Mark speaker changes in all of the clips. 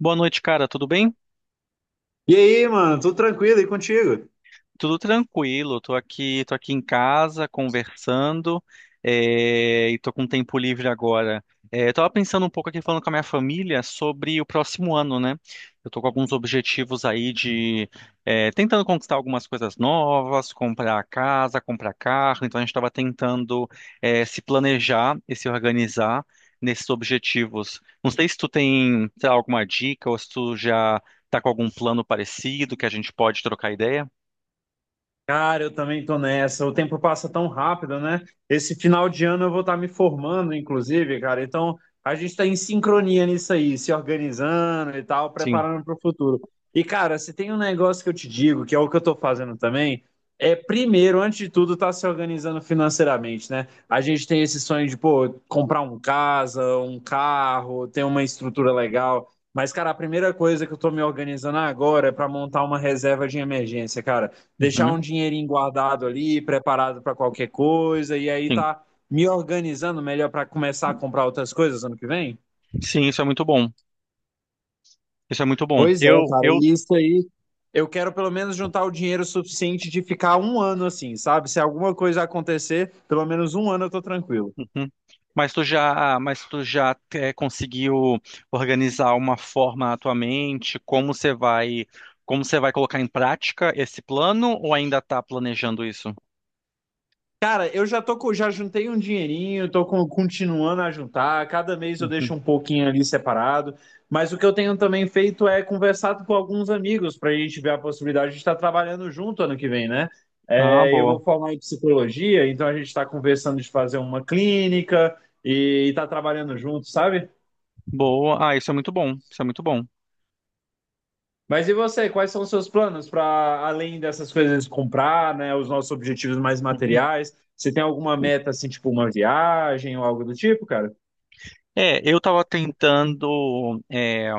Speaker 1: Boa noite, cara. Tudo bem?
Speaker 2: E aí, mano, tudo tranquilo e contigo?
Speaker 1: Tudo tranquilo, tô aqui em casa conversando, e tô com tempo livre agora. Eu tava pensando um pouco aqui falando com a minha família sobre o próximo ano, né? Eu tô com alguns objetivos aí de tentando conquistar algumas coisas novas, comprar casa, comprar carro. Então a gente estava tentando se planejar e se organizar nesses objetivos. Não sei se tu tem, sei lá, alguma dica ou se tu já tá com algum plano parecido que a gente pode trocar ideia.
Speaker 2: Cara, eu também tô nessa. O tempo passa tão rápido, né? Esse final de ano eu vou estar me formando, inclusive, cara. Então, a gente tá em sincronia nisso aí, se organizando e tal,
Speaker 1: Sim.
Speaker 2: preparando para o futuro. E, cara, se tem um negócio que eu te digo, que é o que eu tô fazendo também, é primeiro, antes de tudo, tá se organizando financeiramente, né? A gente tem esse sonho de, pô, comprar um casa, um carro, ter uma estrutura legal. Mas, cara, a primeira coisa que eu tô me organizando agora é para montar uma reserva de emergência, cara, deixar
Speaker 1: Uhum,
Speaker 2: um dinheirinho guardado ali, preparado para qualquer coisa, e aí
Speaker 1: sim.
Speaker 2: tá me organizando melhor para começar a comprar outras coisas ano que vem.
Speaker 1: Sim, isso é muito bom. Isso é muito bom.
Speaker 2: Pois é, cara, e isso aí. Eu quero pelo menos juntar o dinheiro suficiente de ficar um ano assim, sabe? Se alguma coisa acontecer, pelo menos um ano eu tô tranquilo.
Speaker 1: Uhum. Mas tu já conseguiu organizar uma forma na tua mente, como você vai colocar em prática esse plano ou ainda está planejando isso?
Speaker 2: Cara, eu já tô com, já juntei um dinheirinho, tô continuando a juntar. Cada mês eu deixo
Speaker 1: Uhum.
Speaker 2: um pouquinho ali separado. Mas o que eu tenho também feito é conversado com alguns amigos para a gente ver a possibilidade de estar trabalhando junto ano que vem, né?
Speaker 1: Ah,
Speaker 2: É, eu
Speaker 1: boa.
Speaker 2: vou formar em psicologia, então a gente está conversando de fazer uma clínica e estar trabalhando junto, sabe?
Speaker 1: Boa. Ah, isso é muito bom. Isso é muito bom.
Speaker 2: Mas e você, quais são os seus planos para além dessas coisas de comprar, né? Os nossos objetivos mais
Speaker 1: Uhum.
Speaker 2: materiais? Você tem alguma meta assim, tipo uma viagem ou algo do tipo, cara?
Speaker 1: É, eu estava tentando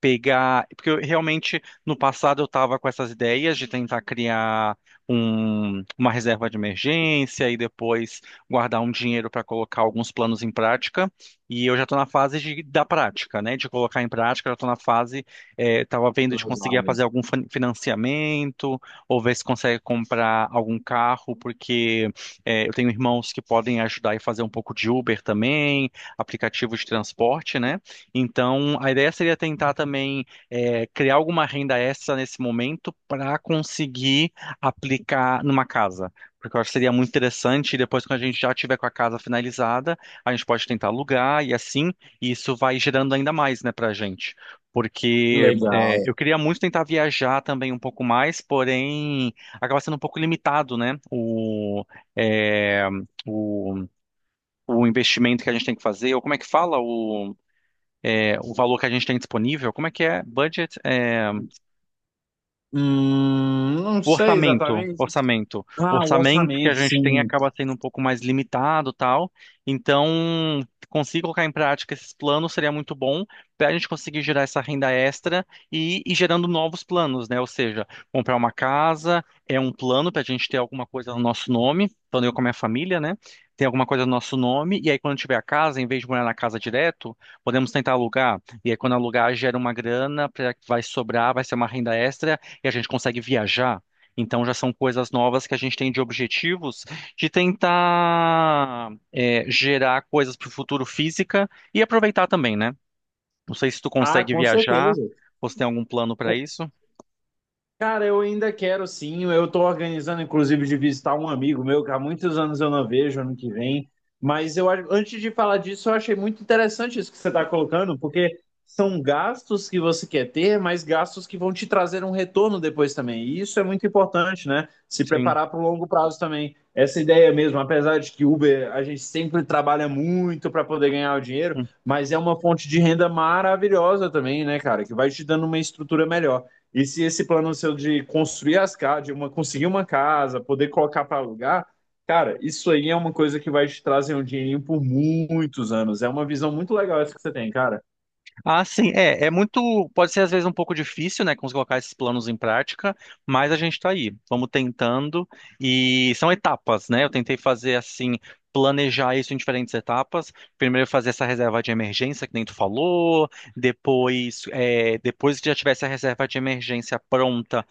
Speaker 1: pegar, porque eu, realmente no passado eu estava com essas ideias de tentar criar uma reserva de emergência e depois guardar um dinheiro para colocar alguns planos em prática. E eu já estou na fase de, da prática, né? De colocar em prática, eu já estou na fase, estava vendo de conseguir
Speaker 2: Legal,
Speaker 1: fazer algum financiamento ou ver se consegue comprar algum carro, porque eu tenho irmãos que podem ajudar e fazer um pouco de Uber também, aplicativo de transporte, né? Então, a ideia seria tentar também criar alguma renda extra nesse momento para conseguir aplicar numa casa. Porque eu acho que seria muito interessante, e depois quando a gente já tiver com a casa finalizada, a gente pode tentar alugar e assim, e isso vai gerando ainda mais, né, para a gente. Porque
Speaker 2: legal.
Speaker 1: eu queria muito tentar viajar também um pouco mais, porém acaba sendo um pouco limitado, né, eh, o, o investimento que a gente tem que fazer, ou como é que fala? O valor que a gente tem disponível, como é que é? Budget, é,
Speaker 2: Não sei exatamente.
Speaker 1: orçamento. O
Speaker 2: Ah, o
Speaker 1: orçamento que a
Speaker 2: orçamento,
Speaker 1: gente tem
Speaker 2: sim.
Speaker 1: acaba sendo um pouco mais limitado, tal. Então, conseguir colocar em prática esses planos seria muito bom para a gente conseguir gerar essa renda extra e ir gerando novos planos, né? Ou seja, comprar uma casa é um plano para a gente ter alguma coisa no nosso nome, tanto eu como a minha família, né? Tem alguma coisa no nosso nome, e aí quando tiver a casa, em vez de morar na casa direto, podemos tentar alugar. E aí quando alugar, gera uma grana que vai sobrar, vai ser uma renda extra e a gente consegue viajar. Então já são coisas novas que a gente tem de objetivos de tentar gerar coisas para o futuro física e aproveitar também, né? Não sei se tu
Speaker 2: Ah,
Speaker 1: consegue
Speaker 2: com
Speaker 1: viajar
Speaker 2: certeza.
Speaker 1: ou se tem algum plano para isso.
Speaker 2: Cara, eu ainda quero sim. Eu estou organizando, inclusive, de visitar um amigo meu que há muitos anos eu não vejo, ano que vem. Mas eu, antes de falar disso, eu achei muito interessante isso que você está colocando, porque são gastos que você quer ter, mas gastos que vão te trazer um retorno depois também. E isso é muito importante, né? Se
Speaker 1: Sim.
Speaker 2: preparar para o longo prazo também. Essa ideia mesmo, apesar de que Uber a gente sempre trabalha muito para poder ganhar o dinheiro, mas é uma fonte de renda maravilhosa também, né, cara? Que vai te dando uma estrutura melhor. E se esse plano seu de construir as casas, de uma, conseguir uma casa, poder colocar para alugar, cara, isso aí é uma coisa que vai te trazer um dinheirinho por muitos anos. É uma visão muito legal essa que você tem, cara.
Speaker 1: Ah, sim, é, é muito, pode ser às vezes um pouco difícil, né, colocar esses planos em prática, mas a gente tá aí, vamos tentando e são etapas, né? Eu tentei fazer assim, planejar isso em diferentes etapas. Primeiro fazer essa reserva de emergência que nem tu falou, depois, é, depois que já tivesse a reserva de emergência pronta,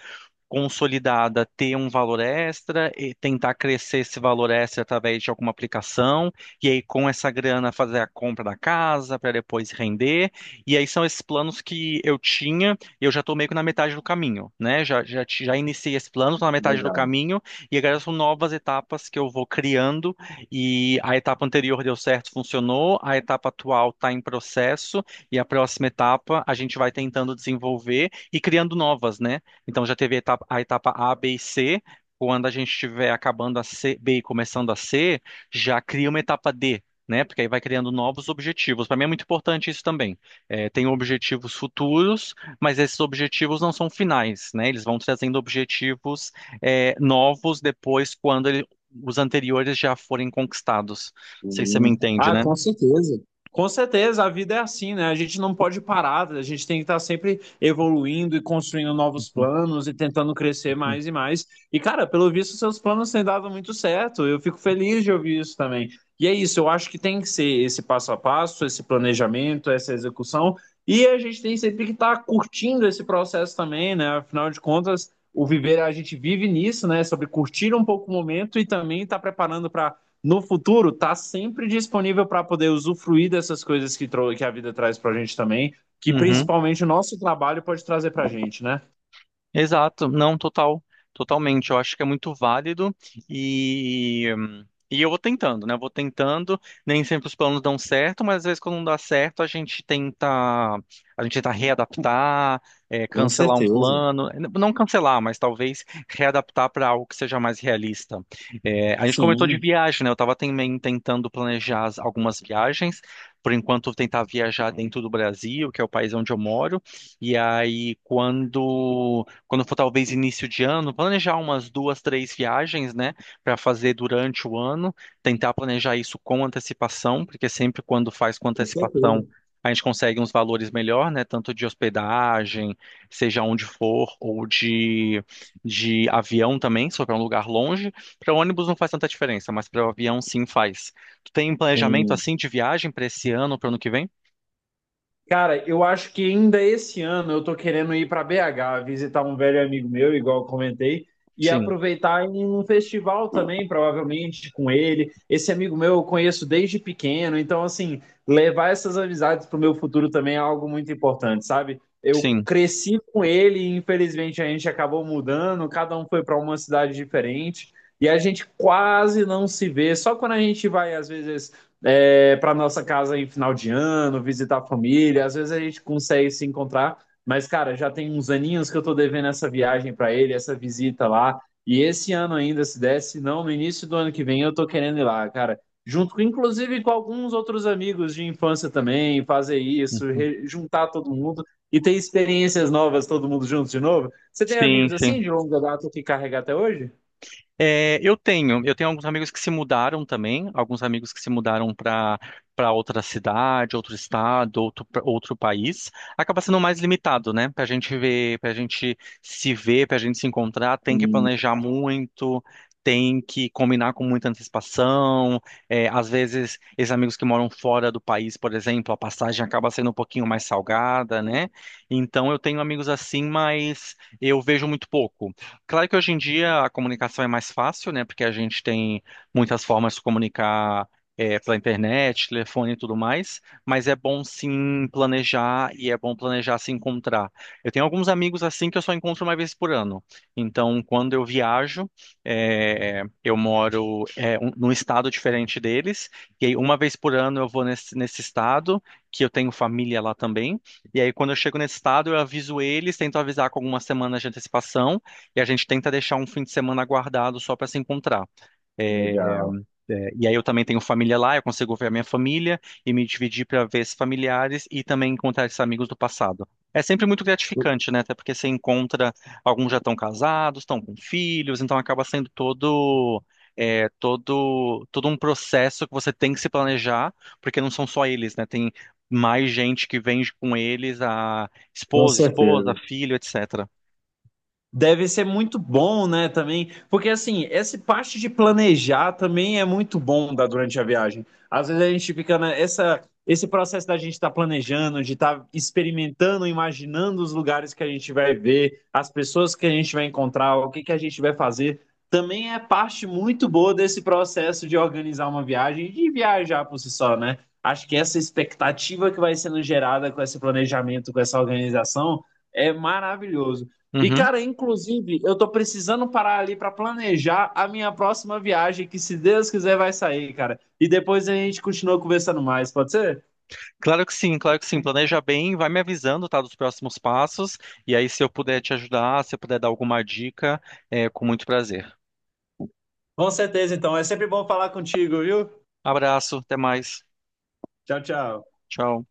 Speaker 1: consolidada ter um valor extra e tentar crescer esse valor extra através de alguma aplicação, e aí com essa grana fazer a compra da casa para depois render. E aí são esses planos que eu tinha, e eu já estou meio que na metade do caminho, né? Já iniciei esse plano, estou na metade do
Speaker 2: Legal.
Speaker 1: caminho, e agora são novas etapas que eu vou criando, e a etapa anterior deu certo, funcionou, a etapa atual está em processo, e a próxima etapa a gente vai tentando desenvolver e criando novas, né? Então já teve a etapa A, B e C. Quando a gente estiver acabando a C, B e começando a C, já cria uma etapa D, né? Porque aí vai criando novos objetivos. Para mim é muito importante isso também. É, tem objetivos futuros, mas esses objetivos não são finais, né? Eles vão trazendo objetivos, novos depois os anteriores já forem conquistados. Não sei se você me
Speaker 2: Sim.
Speaker 1: entende,
Speaker 2: Ah,
Speaker 1: né?
Speaker 2: com certeza. Com certeza, a vida é assim, né? A gente não pode parar, a gente tem que estar sempre evoluindo e construindo novos planos e tentando crescer mais e mais. E, cara, pelo visto, seus planos têm dado muito certo. Eu fico feliz de ouvir isso também. E é isso, eu acho que tem que ser esse passo a passo, esse planejamento, essa execução. E a gente tem sempre que estar curtindo esse processo também, né? Afinal de contas, o viver, a gente vive nisso, né? Sobre curtir um pouco o momento e também estar preparando para no futuro tá sempre disponível para poder usufruir dessas coisas que, que a vida traz para a gente também, que
Speaker 1: Uhum.
Speaker 2: principalmente o nosso trabalho pode trazer para a gente, né?
Speaker 1: Exato, não, totalmente. Eu acho que é muito válido e e eu vou tentando, né? Eu vou tentando. Nem sempre os planos dão certo, mas às vezes quando não dá certo, a gente tenta readaptar,
Speaker 2: Com
Speaker 1: cancelar um
Speaker 2: certeza.
Speaker 1: plano, não cancelar, mas talvez readaptar para algo que seja mais realista. A gente comentou de
Speaker 2: Sim,
Speaker 1: viagem, né? Eu estava também tentando planejar algumas viagens. Por enquanto, tentar viajar dentro do Brasil, que é o país onde eu moro. E aí, quando for talvez início de ano, planejar umas duas, três viagens, né, para fazer durante o ano, tentar planejar isso com antecipação, porque sempre quando faz com
Speaker 2: com
Speaker 1: antecipação,
Speaker 2: certeza.
Speaker 1: a gente consegue uns valores melhor, né, tanto de hospedagem, seja onde for, ou de avião também, se for para um lugar longe. Para ônibus não faz tanta diferença, mas para o avião sim faz. Tu tem um planejamento
Speaker 2: Tem.
Speaker 1: assim de viagem para esse ano, para o ano que vem?
Speaker 2: Cara, eu acho que ainda esse ano eu tô querendo ir para BH, visitar um velho amigo meu, igual eu comentei, e
Speaker 1: Sim,
Speaker 2: aproveitar em um festival também, provavelmente com ele. Esse amigo meu eu conheço desde pequeno, então assim, levar essas amizades pro meu futuro também é algo muito importante, sabe? Eu
Speaker 1: sim.
Speaker 2: cresci com ele e infelizmente a gente acabou mudando, cada um foi para uma cidade diferente, e a gente quase não se vê, só quando a gente vai às vezes é, para nossa casa em final de ano, visitar a família. Às vezes a gente consegue se encontrar, mas, cara, já tem uns aninhos que eu tô devendo essa viagem para ele, essa visita lá. E esse ano ainda, se desse, não, no início do ano que vem eu tô querendo ir lá, cara. Junto, inclusive, com alguns outros amigos de infância também, fazer isso,
Speaker 1: Uhum.
Speaker 2: juntar todo mundo e ter experiências novas, todo mundo junto de novo. Você tem
Speaker 1: Sim,
Speaker 2: amigos assim
Speaker 1: sim.
Speaker 2: de longa data que carrega até hoje?
Speaker 1: É, eu tenho alguns amigos que se mudaram também, alguns amigos que se mudaram para outra cidade, outro estado, outro país. Acaba sendo mais limitado, né? Para a gente ver, para a gente se ver, para a gente se encontrar, tem que
Speaker 2: Hum,
Speaker 1: planejar muito, tem que combinar com muita antecipação. É, às vezes, esses amigos que moram fora do país, por exemplo, a passagem acaba sendo um pouquinho mais salgada, né? Então, eu tenho amigos assim, mas eu vejo muito pouco. Claro que hoje em dia a comunicação é mais fácil, né? Porque a gente tem muitas formas de comunicar pela internet, telefone e tudo mais, mas é bom sim planejar e é bom planejar se encontrar. Eu tenho alguns amigos assim que eu só encontro uma vez por ano. Então, quando eu viajo, eu moro num estado diferente deles, e aí uma vez por ano eu vou nesse estado, que eu tenho família lá também, e aí quando eu chego nesse estado eu aviso eles, tento avisar com algumas semanas de antecipação. E a gente tenta deixar um fim de semana guardado só para se encontrar.
Speaker 2: legal.
Speaker 1: É, e aí eu também tenho família lá, eu consigo ver a minha família e me dividir para ver esses familiares e também encontrar esses amigos do passado. É sempre muito gratificante, né? Até porque você encontra, alguns já estão casados, estão com filhos, então acaba sendo todo um processo que você tem que se planejar, porque não são só eles, né? Tem mais gente que vem com eles, a
Speaker 2: Com
Speaker 1: esposa, esposa,
Speaker 2: certeza.
Speaker 1: filho, etc.
Speaker 2: Deve ser muito bom, né, também, porque assim, essa parte de planejar também é muito bom da, durante a viagem. Às vezes a gente fica nessa, esse processo da gente estar planejando, de estar experimentando, imaginando os lugares que a gente vai ver, as pessoas que a gente vai encontrar, o que que a gente vai fazer, também é parte muito boa desse processo de organizar uma viagem e de viajar por si só, né? Acho que essa expectativa que vai sendo gerada com esse planejamento, com essa organização, é maravilhoso. E,
Speaker 1: Uhum.
Speaker 2: cara, inclusive, eu tô precisando parar ali pra planejar a minha próxima viagem, que se Deus quiser vai sair, cara. E depois a gente continua conversando mais, pode ser?
Speaker 1: Claro que sim, claro que sim. Planeja bem, vai me avisando, tá, dos próximos passos. E aí, se eu puder te ajudar, se eu puder dar alguma dica, é com muito prazer.
Speaker 2: Com certeza, então. É sempre bom falar contigo, viu?
Speaker 1: Abraço, até mais.
Speaker 2: Tchau, tchau.
Speaker 1: Tchau.